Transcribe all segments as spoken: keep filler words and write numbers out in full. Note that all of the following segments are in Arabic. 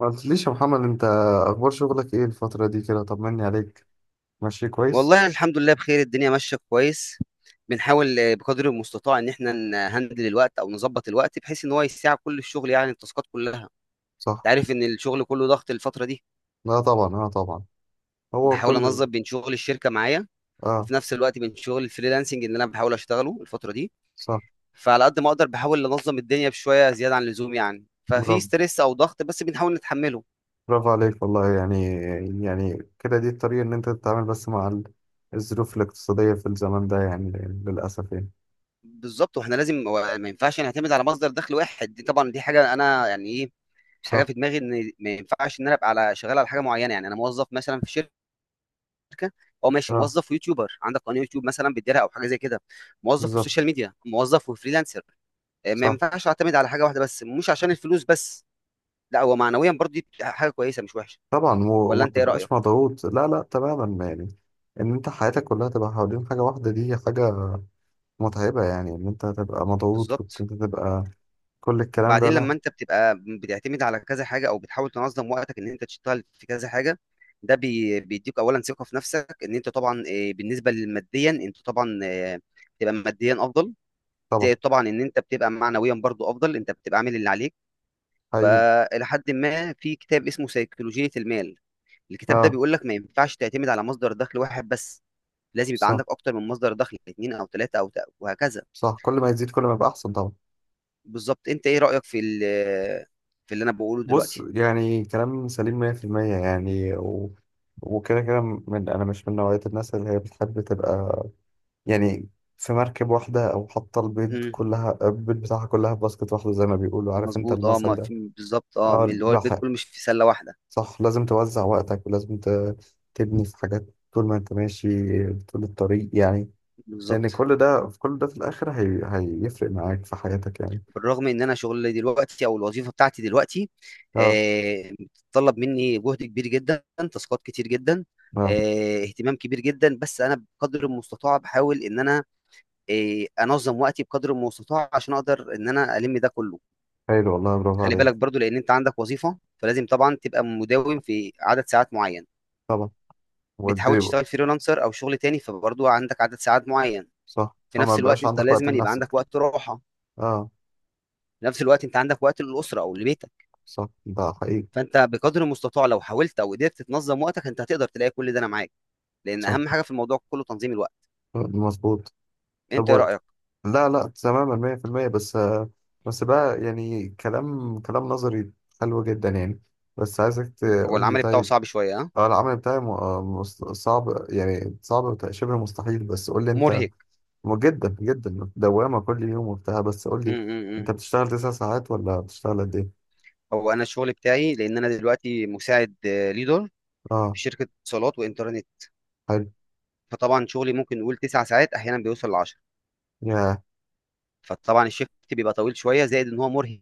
ما قلتليش يا محمد انت؟ اخبار شغلك ايه الفترة دي كده؟ طمني عليك. ماشي كويس؟ والله الحمد لله بخير، الدنيا ماشية كويس. بنحاول آه، بقدر المستطاع ان احنا نهندل الوقت او نظبط الوقت، بحيث ان هو يساع كل الشغل، يعني التاسكات كلها. انت صح. عارف ان الشغل كله ضغط الفترة دي. لا طبعا، اه طبعا. هو بحاول كل انظم بين شغل الشركة معايا، اه وفي نفس الوقت بين شغل الفريلانسنج اللي انا بحاول اشتغله الفترة دي. صح. فعلى قد ما اقدر بحاول انظم الدنيا بشوية زيادة عن اللزوم، يعني ففي برافو، ستريس او ضغط، بس بنحاول نتحمله. برافو عليك والله يعني. يعني كده دي الطريقة ان انت تتعامل بس مع ال- الظروف الاقتصادية في الزمن ده يعني، للأسف يعني. بالظبط، واحنا لازم و- ما ينفعش نعتمد على مصدر دخل واحد. دي طبعا دي حاجه انا يعني ايه، حاجه صح. في دماغي ان ما ينفعش ان انا ابقى على شغال على حاجه معينه، يعني انا موظف مثلا في شركه، او ماشي اه موظف ويوتيوبر، عندك قناه يوتيوب مثلا بتديرها او حاجه زي كده، موظف والسوشيال بالظبط. ميديا، موظف وفريلانسر. آه، ما صح ينفعش اعتمد على حاجه واحده بس، مش عشان الفلوس بس. لا هو معنويا برضه دي حاجه كويسه، مش وحشه. طبعا و- ولا وما انت ايه تبقاش رايك؟ مضغوط، لا لا تماما يعني. ان انت حياتك كلها تبقى حوالين حاجة واحدة، دي حاجة متعبة يعني، ان انت تبقى مضغوط وانت بالظبط. تبقى كل الكلام ده، وبعدين لا لما انت بتبقى بتعتمد على كذا حاجه او بتحاول تنظم وقتك ان انت تشتغل في كذا حاجه، ده بي- بيديك اولا ثقه في نفسك ان انت طبعا، آه، بالنسبه للماديا انت طبعا، آه، بتبقى ماديا افضل. طبعا. زائد طبعا ان انت بتبقى معنويا برضو افضل، انت بتبقى عامل اللي عليك. حقيقي. فالى حد ما في كتاب اسمه سيكولوجيه المال. الكتاب ده اه بيقول لك ما ينفعش تعتمد على مصدر دخل واحد بس. لازم يبقى صح. عندك اكتر من مصدر دخل، اثنين او ثلاثه او ت- وهكذا. صح، كل ما يزيد كل ما يبقى احسن طبعا. بالظبط، انت ايه رايك في ال- في اللي انا بقوله بص، دلوقتي؟ يعني كلام سليم مية في المية يعني و... وكده كده، من انا مش من نوعية الناس اللي هي بتحب تبقى يعني في مركب واحدة، او حاطة البيض إمم. كلها البيض بتاعها كلها في باسكت واحدة، زي ما بيقولوا، عارف انت مظبوط، اه، المثل ما ده. في بالظبط، اه، اه من اللي هو البيت بحق. كله مش في سله واحده. صح، لازم توزع وقتك ولازم ت... تبني في حاجات، طول ما انت ماشي، طول الطريق يعني. لان بالظبط. كل ده في كل ده في الاخر هي... هيفرق معاك في حياتك يعني. بالرغم ان انا شغلي دلوقتي او الوظيفه بتاعتي دلوقتي، اه آه بتطلب مني جهد كبير جدا، تاسكات كتير جدا، اه، آه اهتمام كبير جدا، بس انا بقدر المستطاع بحاول ان انا آه انظم وقتي بقدر المستطاع عشان اقدر ان انا الم ده كله. حلو والله، برافو خلي عليك. بالك برضو، لان انت عندك وظيفه فلازم طبعا تبقى مداوم في عدد ساعات معين. طبعا بتحاول والدريبل. تشتغل فريلانسر او شغل تاني، فبرضو عندك عدد ساعات معين. صح، في فما نفس الوقت بقاش انت عندك وقت لازم يبقى عندك لنفسك. وقت راحه. اه في نفس الوقت انت عندك وقت للاسره او لبيتك. صح. ده حقيقي. فانت بقدر المستطاع لو حاولت او قدرت تنظم وقتك، انت هتقدر تلاقي كل ده. انا معاك، لان صح. اهم حاجه في الموضوع كله تنظيم الوقت. مظبوط. طب انت ايه و... رايك؟ لا لا تماما مية في المية، بس آه، بس بقى يعني كلام كلام نظري حلو جدا يعني، بس عايزك هو تقول لي. العمل بتاعه طيب. صعب شويه، ها؟ اه، العمل بتاعي م... آه، مس- صعب يعني، صعب وت- شبه مستحيل، بس قول لي انت. مرهق. م- جدا جدا، دوامة كل يوم وبتاع، بس قول لي، امم انت بتشتغل تسع ساعات ولا بتشتغل قد ايه؟ هو انا الشغل بتاعي، لان انا دلوقتي مساعد آه، ليدر اه في شركه اتصالات وانترنت. حلو. فطبعا شغلي ممكن نقول تسع ساعات، احيانا بيوصل ل عشرة. يا فطبعا الشيفت بيبقى طويل شويه، زائد ان هو مرهق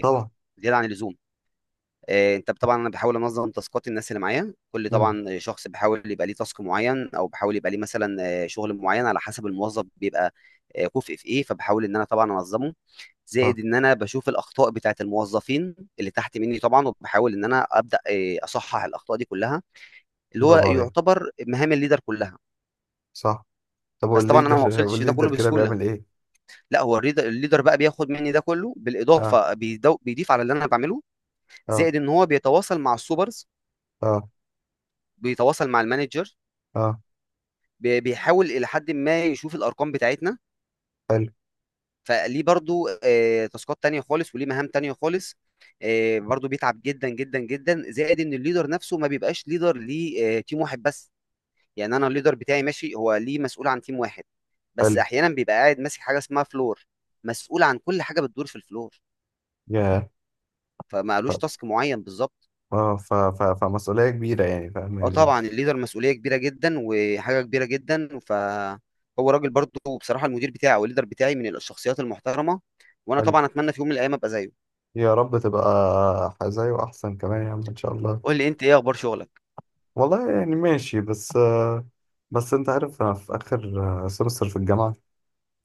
طبعا. زياده عن اللزوم. آه، انت طبعا انا بحاول انظم تاسكات الناس اللي معايا. كل امم طبعا شخص بحاول يبقى ليه تاسك معين او بحاول يبقى ليه مثلا آه، شغل معين على حسب الموظف بيبقى آه، كفء في ايه، فبحاول ان انا طبعا انظمه. صح، زائد ان انا بشوف الاخطاء بتاعت الموظفين اللي تحت مني طبعا، وبحاول ان انا ابدا آه، اصحح الاخطاء دي كلها، اللي هو برافو عليك. يعتبر مهام الليدر كلها. صح. طب بس طبعا انا ما والليدر، وصلتش لده والليدر كله كده بسهوله. بيعمل ايه؟ لا هو الريدر- الليدر بقى بياخد مني ده كله، اه بالاضافه بيدو- بيضيف على اللي انا بعمله، اه زائد ان هو بيتواصل مع السوبرز، اه بيتواصل مع المانجر، اه، بي- بيحاول الى حد ما يشوف الارقام بتاعتنا. حلو فليه برضو آه، تاسكات تانية خالص وليه مهام تانية خالص. آه، برضو بيتعب جدا جدا جدا، زائد ان الليدر نفسه ما بيبقاش ليدر ليه آه، تيم واحد بس. يعني انا الليدر بتاعي ماشي، هو ليه مسؤول عن تيم واحد. بس حلو، احيانا بيبقى قاعد ماسك حاجه اسمها فلور، مسؤول عن كل حاجه بتدور في الفلور، يا فما ف... قالوش تاسك معين بالظبط. اه ف... ف... فمسؤولية كبيرة يعني، فاهم اه يعني طبعا، إيه؟ الليدر مسؤوليه كبيره جدا وحاجه كبيره جدا، فهو راجل برضه. وبصراحه المدير بتاعي او الليدر بتاعي من الشخصيات المحترمه، وانا حلو، طبعا اتمنى في يوم من الايام ابقى زيه. يا رب تبقى زيه، احسن كمان يا عم ان شاء الله. قول لي انت، ايه اخبار شغلك؟ والله يعني ماشي، بس آه بس انت عارف انا في اخر آه، سمستر في الجامعة،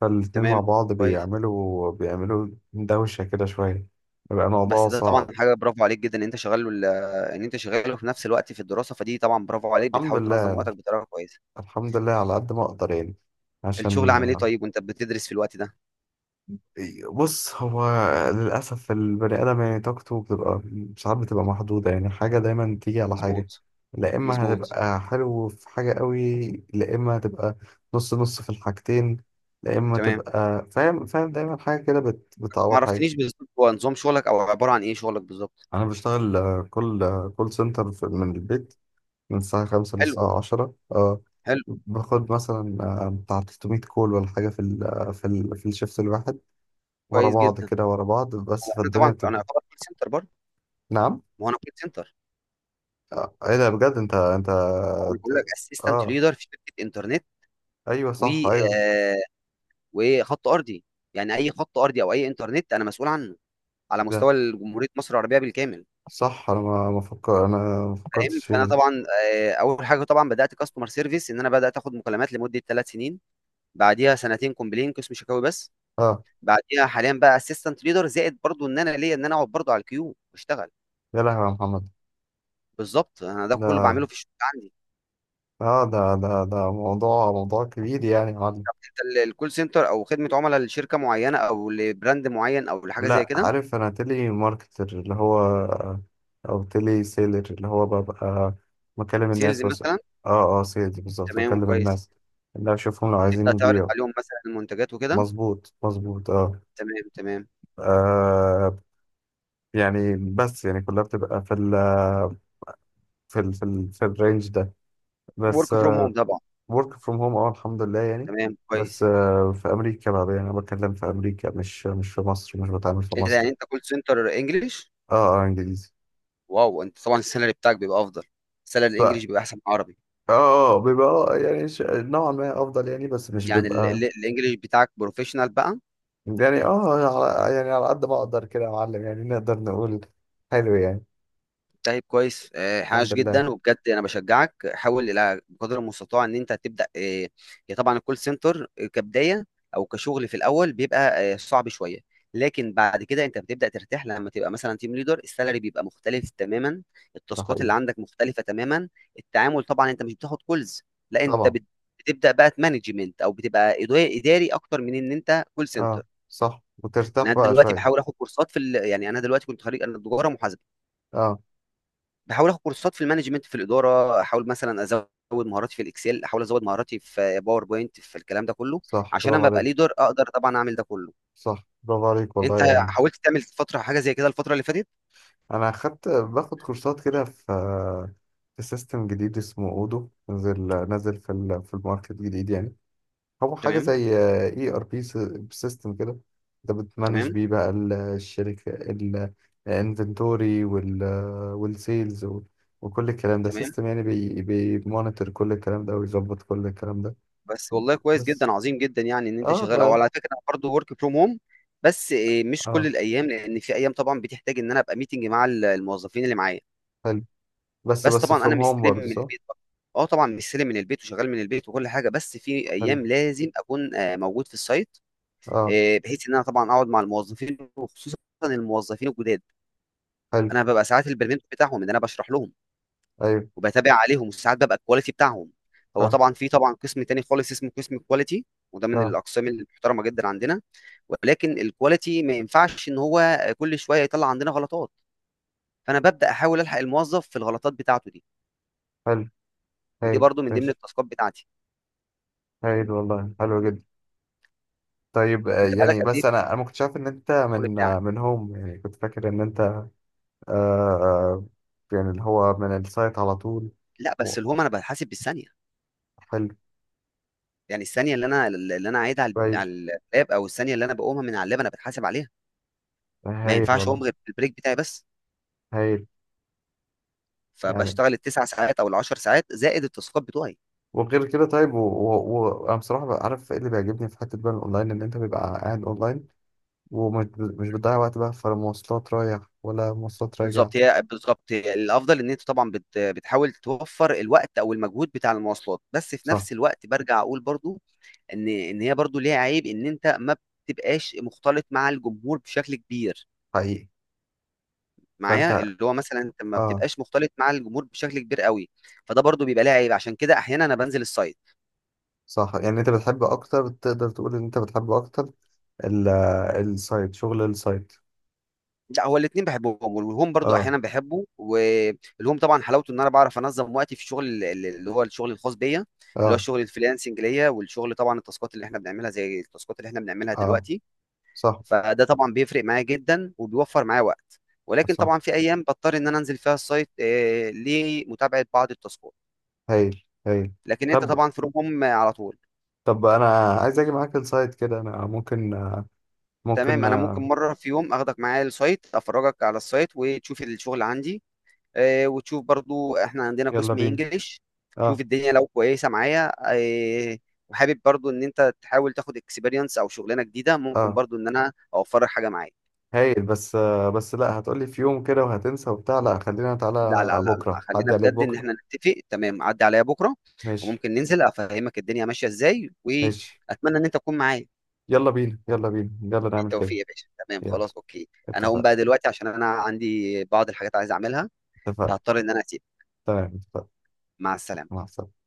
فالاتنين مع تمام، بعض كويس. بيعملوا بيعملوا دوشة كده شوية، بيبقى الموضوع بس ده طبعا صعب. حاجه برافو عليك جدا ان انت شغال وال- ان انت شغال في نفس الوقت في الدراسه، فدي طبعا برافو عليك، الحمد بتحاول لله، تنظم وقتك بطريقه كويسه. الحمد لله على قد ما اقدر يعني، الشغل عشان عامل ايه آه، طيب وانت بتدرس في الوقت ده؟ بص هو، للاسف البني ادم يعني طاقته بتبقى ساعات بتبقى محدوده يعني، حاجه دايما تيجي على حاجه. مظبوط، لا اما مظبوط. هتبقى حلو في حاجه قوي. لا اما هتبقى نص نص في الحاجتين. لا اما تمام. تبقى فاهم، فاهم دايما حاجه كده بت... ما بتعوض حاجه. عرفتنيش بالظبط هو نظام شغلك او عباره عن ايه شغلك بالظبط؟ انا بشتغل آه، كول كول سنتر في... من البيت، من الساعة خمسة حلو، للساعة عشرة. اه. حلو، باخد مثلا آه، بتاع ثلاث مئة كول ولا حاجة في ال آه، في ال في الشيفت الواحد، ورا كويس بعض جدا. كده ورا بعض، بس هو انا فالدنيا طبعا، انا بتبقى. اعتبر كول سنتر برضه. نعم. ما هو انا كول سنتر. آه، ايه ده بجد، انت انت. انا بقول لك، اسيستنت اه ليدر في شركه انترنت، ايوه و صح ايوه. آه، وخط ارضي. يعني اي خط ارضي او اي انترنت انا مسؤول عنه، على ايه ده؟ مستوى جمهوريه مصر العربيه بالكامل. صح، انا ما ما فكر انا ما فاهم؟ فكرتش فيها فانا دي. طبعا آه، اول حاجه طبعا بدات كاستمر سيرفيس، ان انا بدات اخد مكالمات لمده ثلاث سنين. بعديها سنتين كومبلين قسم شكاوي بس. اه، بعديها حاليا بقى اسيستنت ليدر، زائد برضه ان انا ليا ان انا اقعد برضه على الكيو واشتغل. يا لهوي يا محمد. بالظبط، انا ده كله ده بعمله في الشغل. اه ده ده ده موضوع، موضوع كبير يعني، يا معلم. ال- الكول سنتر او خدمه عملاء لشركه معينه او لبراند معين او لحاجه زي لا، كده، عارف انا تيلي ماركتر اللي هو، او تيلي سيلر اللي هو، ببقى بكلم سيلز الناس واسأل. مثلا. اه اه، سيلز بالظبط، تمام، بكلم كويس. الناس اللي اشوفهم لو عايزين وتبدا تعرض يبيعوا. عليهم مثلا المنتجات وكده. مظبوط مظبوط اه. تمام، تمام. آه، يعني بس يعني كلها بتبقى في ال في ال في, ال في الرينج ده بس. ورك فروم هوم طبعا. ورك فروم هوم. اه الحمد لله يعني. تمام، بس كويس. آه، في امريكا بقى، يعني انا بتكلم في امريكا، مش مش في مصر، مش بتعامل في إيه ده؟ مصر. يعني انت كول سنتر انجلش؟ اه اه انجليزي. واو، انت طبعا السالري بتاعك بيبقى افضل. السالري الانجليش بيبقى احسن من العربي. اه اه بيبقى، اه يعني ش- نوعا ما افضل يعني، بس مش يعني ال- بيبقى. ال- الانجليش بتاعك بروفيشنال بقى؟ يعني اه على- يعني على قد ما اقدر كده يا معلم، يعني نقدر نقول حلو يعني. طيب، كويس، آه، الحمد حاش لله. جدا، وبجد انا بشجعك حاول الى قدر المستطاع ان انت تبدا. آه، هي طبعا الكول سنتر كبدايه، او كشغل في الاول بيبقى آه، صعب شويه. لكن بعد كده انت بتبدا ترتاح، لما تبقى مثلا تيم ليدر السالري بيبقى مختلف تماما. ده التاسكات حقيقي. اللي عندك مختلفه تماما. التعامل طبعا، انت مش بتاخد كولز، لا، انت طبعا. بت- بتبدا بقى مانجمنت، او بتبقى إدا- اداري اكتر من ان انت كول اه سنتر. صح، وترتاح انا بقى دلوقتي شوية. بحاول اخد كورسات في ال... يعني انا دلوقتي كنت خريج، انا تجاره محاسبه. اه باحاول آخد كورسات في المانجمنت، في الإدارة، أحاول مثلًا أزوّد مهاراتي في الإكسل، أحاول أزوّد مهاراتي في PowerPoint، في الكلام ده كلّه، صح، عشان برافو أمّا أبقى عليك. leader أقدر طبعًا أعمل ده كلّه. صح، برافو عليك أنت والله يعني. حاولت تعمل فترة حاجة زي كده الفترة اللي فاتت؟ انا اخدت باخد كورسات كده، في في سيستم جديد اسمه اودو، نزل نزل في ال- في الماركت جديد يعني، هو حاجة تمام، زي اي ار بي، سيستم كده، انت بتمانج تمام، بيه بقى ال- الشركة، الانفنتوري وال والسيلز، وكل الكلام ده تمام. سيستم يعني بي بيمونيتور كل الكلام ده ويظبط كل الكلام ده. بس والله كويس بس جدًا، عظيم جدًا يعني إن أنت اه شغّال أهو، بقى، وعلى فكرة انا برضه work from home. بس آآ مش كل اه الأيام، لإن في أيام طبعًا بتحتاج إن أنا أبقى meeting مع ال الموظفين اللي معايا، حلو، بس بس بس طبعًا أنا فروم هوم مستلم من برضه، صح. البيت برضه. آه طبعًا مستلم من البيت وشغّال من البيت وكل حاجة، بس في حلو. أيام لازم أكون آآ موجود في الsite، اه آه، بحيث ان انا طبعا اقعد مع الموظفين، وخصوصا الموظفين الجداد. حلو. انا ببقى ساعات البرمنت بتاعهم ان انا بشرح لهم، ايوه وبتابع عليهم، وساعات ببقى الكواليتي بتاعهم. هو فاهم. طبعا في طبعا قسم تاني خالص اسمه قسم الكواليتي، وده من اه الاقسام المحترمه جدا عندنا. ولكن الكواليتي ما ينفعش ان هو كل شويه يطلع عندنا غلطات، فانا ببدا احاول الحق الموظف في الغلطات بتاعته دي. حلو. ودي هايل برضو من ضمن ماشي. التاسكات بتاعتي. هايل والله، حلو جدا. طيب آه، انت بقالك يعني قد ايه بس في انا انا ما كنتش عارف ان انت الشغل من آه، بتاعك؟ من هوم، يعني كنت فاكر ان انت آه يعني اللي هو من السايت على طول. لا بس و- الهوم انا بحاسب بالثانيه، حلو، يعني الثانيه اللي انا اللي انا قاعدها على كويس. على اللاب، او الثانيه اللي انا بقومها من على اللاب انا بتحاسب عليها. ما هايل ينفعش والله. اقوم غير بالبريك بتاعي بس. هايل يعني، فبشتغل التسع ساعات او العشر ساعات، زائد التاسكات بتوعي. وغير كده. طيب وانا و- و- وانا بصراحه بقى، عارف ايه اللي بيعجبني في حته بقى الاونلاين؟ ان انت بيبقى قاعد اونلاين، ومش ب- مش بتضيع وقت بقى في مواصلات رايح ولا مواصلات راجع. بالظبط هي بالظبط هي الافضل، ان انت طبعا بت بتحاول توفر الوقت او المجهود بتاع المواصلات، بس في صح نفس الوقت برجع اقول برضو ان ان هي برضو ليها عيب، ان انت ما بتبقاش مختلط مع الجمهور بشكل كبير، حقيقي. فانت معايا اللي هو مثلا انت ما اه بتبقاش مختلط مع الجمهور بشكل كبير قوي. فده برضو بيبقى ليه عيب، عشان كده احيانا انا بنزل السايت. صح، يعني انت بتحب اكتر، تقدر تقول ان انت بتحب اكتر ال- السايت، شغل السايت؟ لا هو الاثنين بحبهم، والهوم برضو اه احيانا بحبه، والهوم طبعا حلاوته ان انا بعرف انظم وقتي في الشغل ال- ال- اللي هو الشغل الخاص بيا، اللي هو اه الشغل الفريلانسنج ليا، والشغل طبعا التاسكات اللي احنا بنعملها زي التاسكات اللي احنا بنعملها اه. دلوقتي. صح فده طبعا بيفرق معايا جدا وبيوفر معايا وقت. ولكن صح. طبعا في ايام بضطر ان انا انزل فيها السايت آه، لمتابعه بعض التاسكات. هايل هايل. لكن انت طب طبعا في روم على طول. طب انا عايز اجي معاك انسايد كده، انا ممكن، تمام. ممكن، انا ممكن مره في يوم اخدك معايا السايت، افرجك على السايت وتشوف الشغل عندي، آه، وتشوف برضو احنا عندنا يلا قسم بينا. انجليش، اه تشوف الدنيا لو كويسه معايا. آه، وحابب برضو ان انت تحاول تاخد اكسبيرينس او شغلانه جديده، ممكن اه، برضو ان انا اوفرك حاجه معايا. هايل. بس بس لا، هتقولي في يوم كده وهتنسى وبتاع، لا خلينا، لا، تعالى لا، لا، لا، بكره، خلينا عدي عليك بجد ان بكره. احنا نتفق. تمام، عدي عليا بكره، ماشي وممكن ننزل افهمك الدنيا ماشيه ازاي، ماشي. واتمنى ان انت تكون معايا. يلا بينا، يلا بينا. يلا نعمل كده. بالتوفيق يا باشا. تمام، يلا، خلاص، اوكي. انا هقوم اتفقنا، بقى دلوقتي عشان انا عندي بعض الحاجات عايز اعملها، اتفقنا. فهضطر ان انا اسيب. تمام، اتفقنا. مع السلامه. مع السلامه.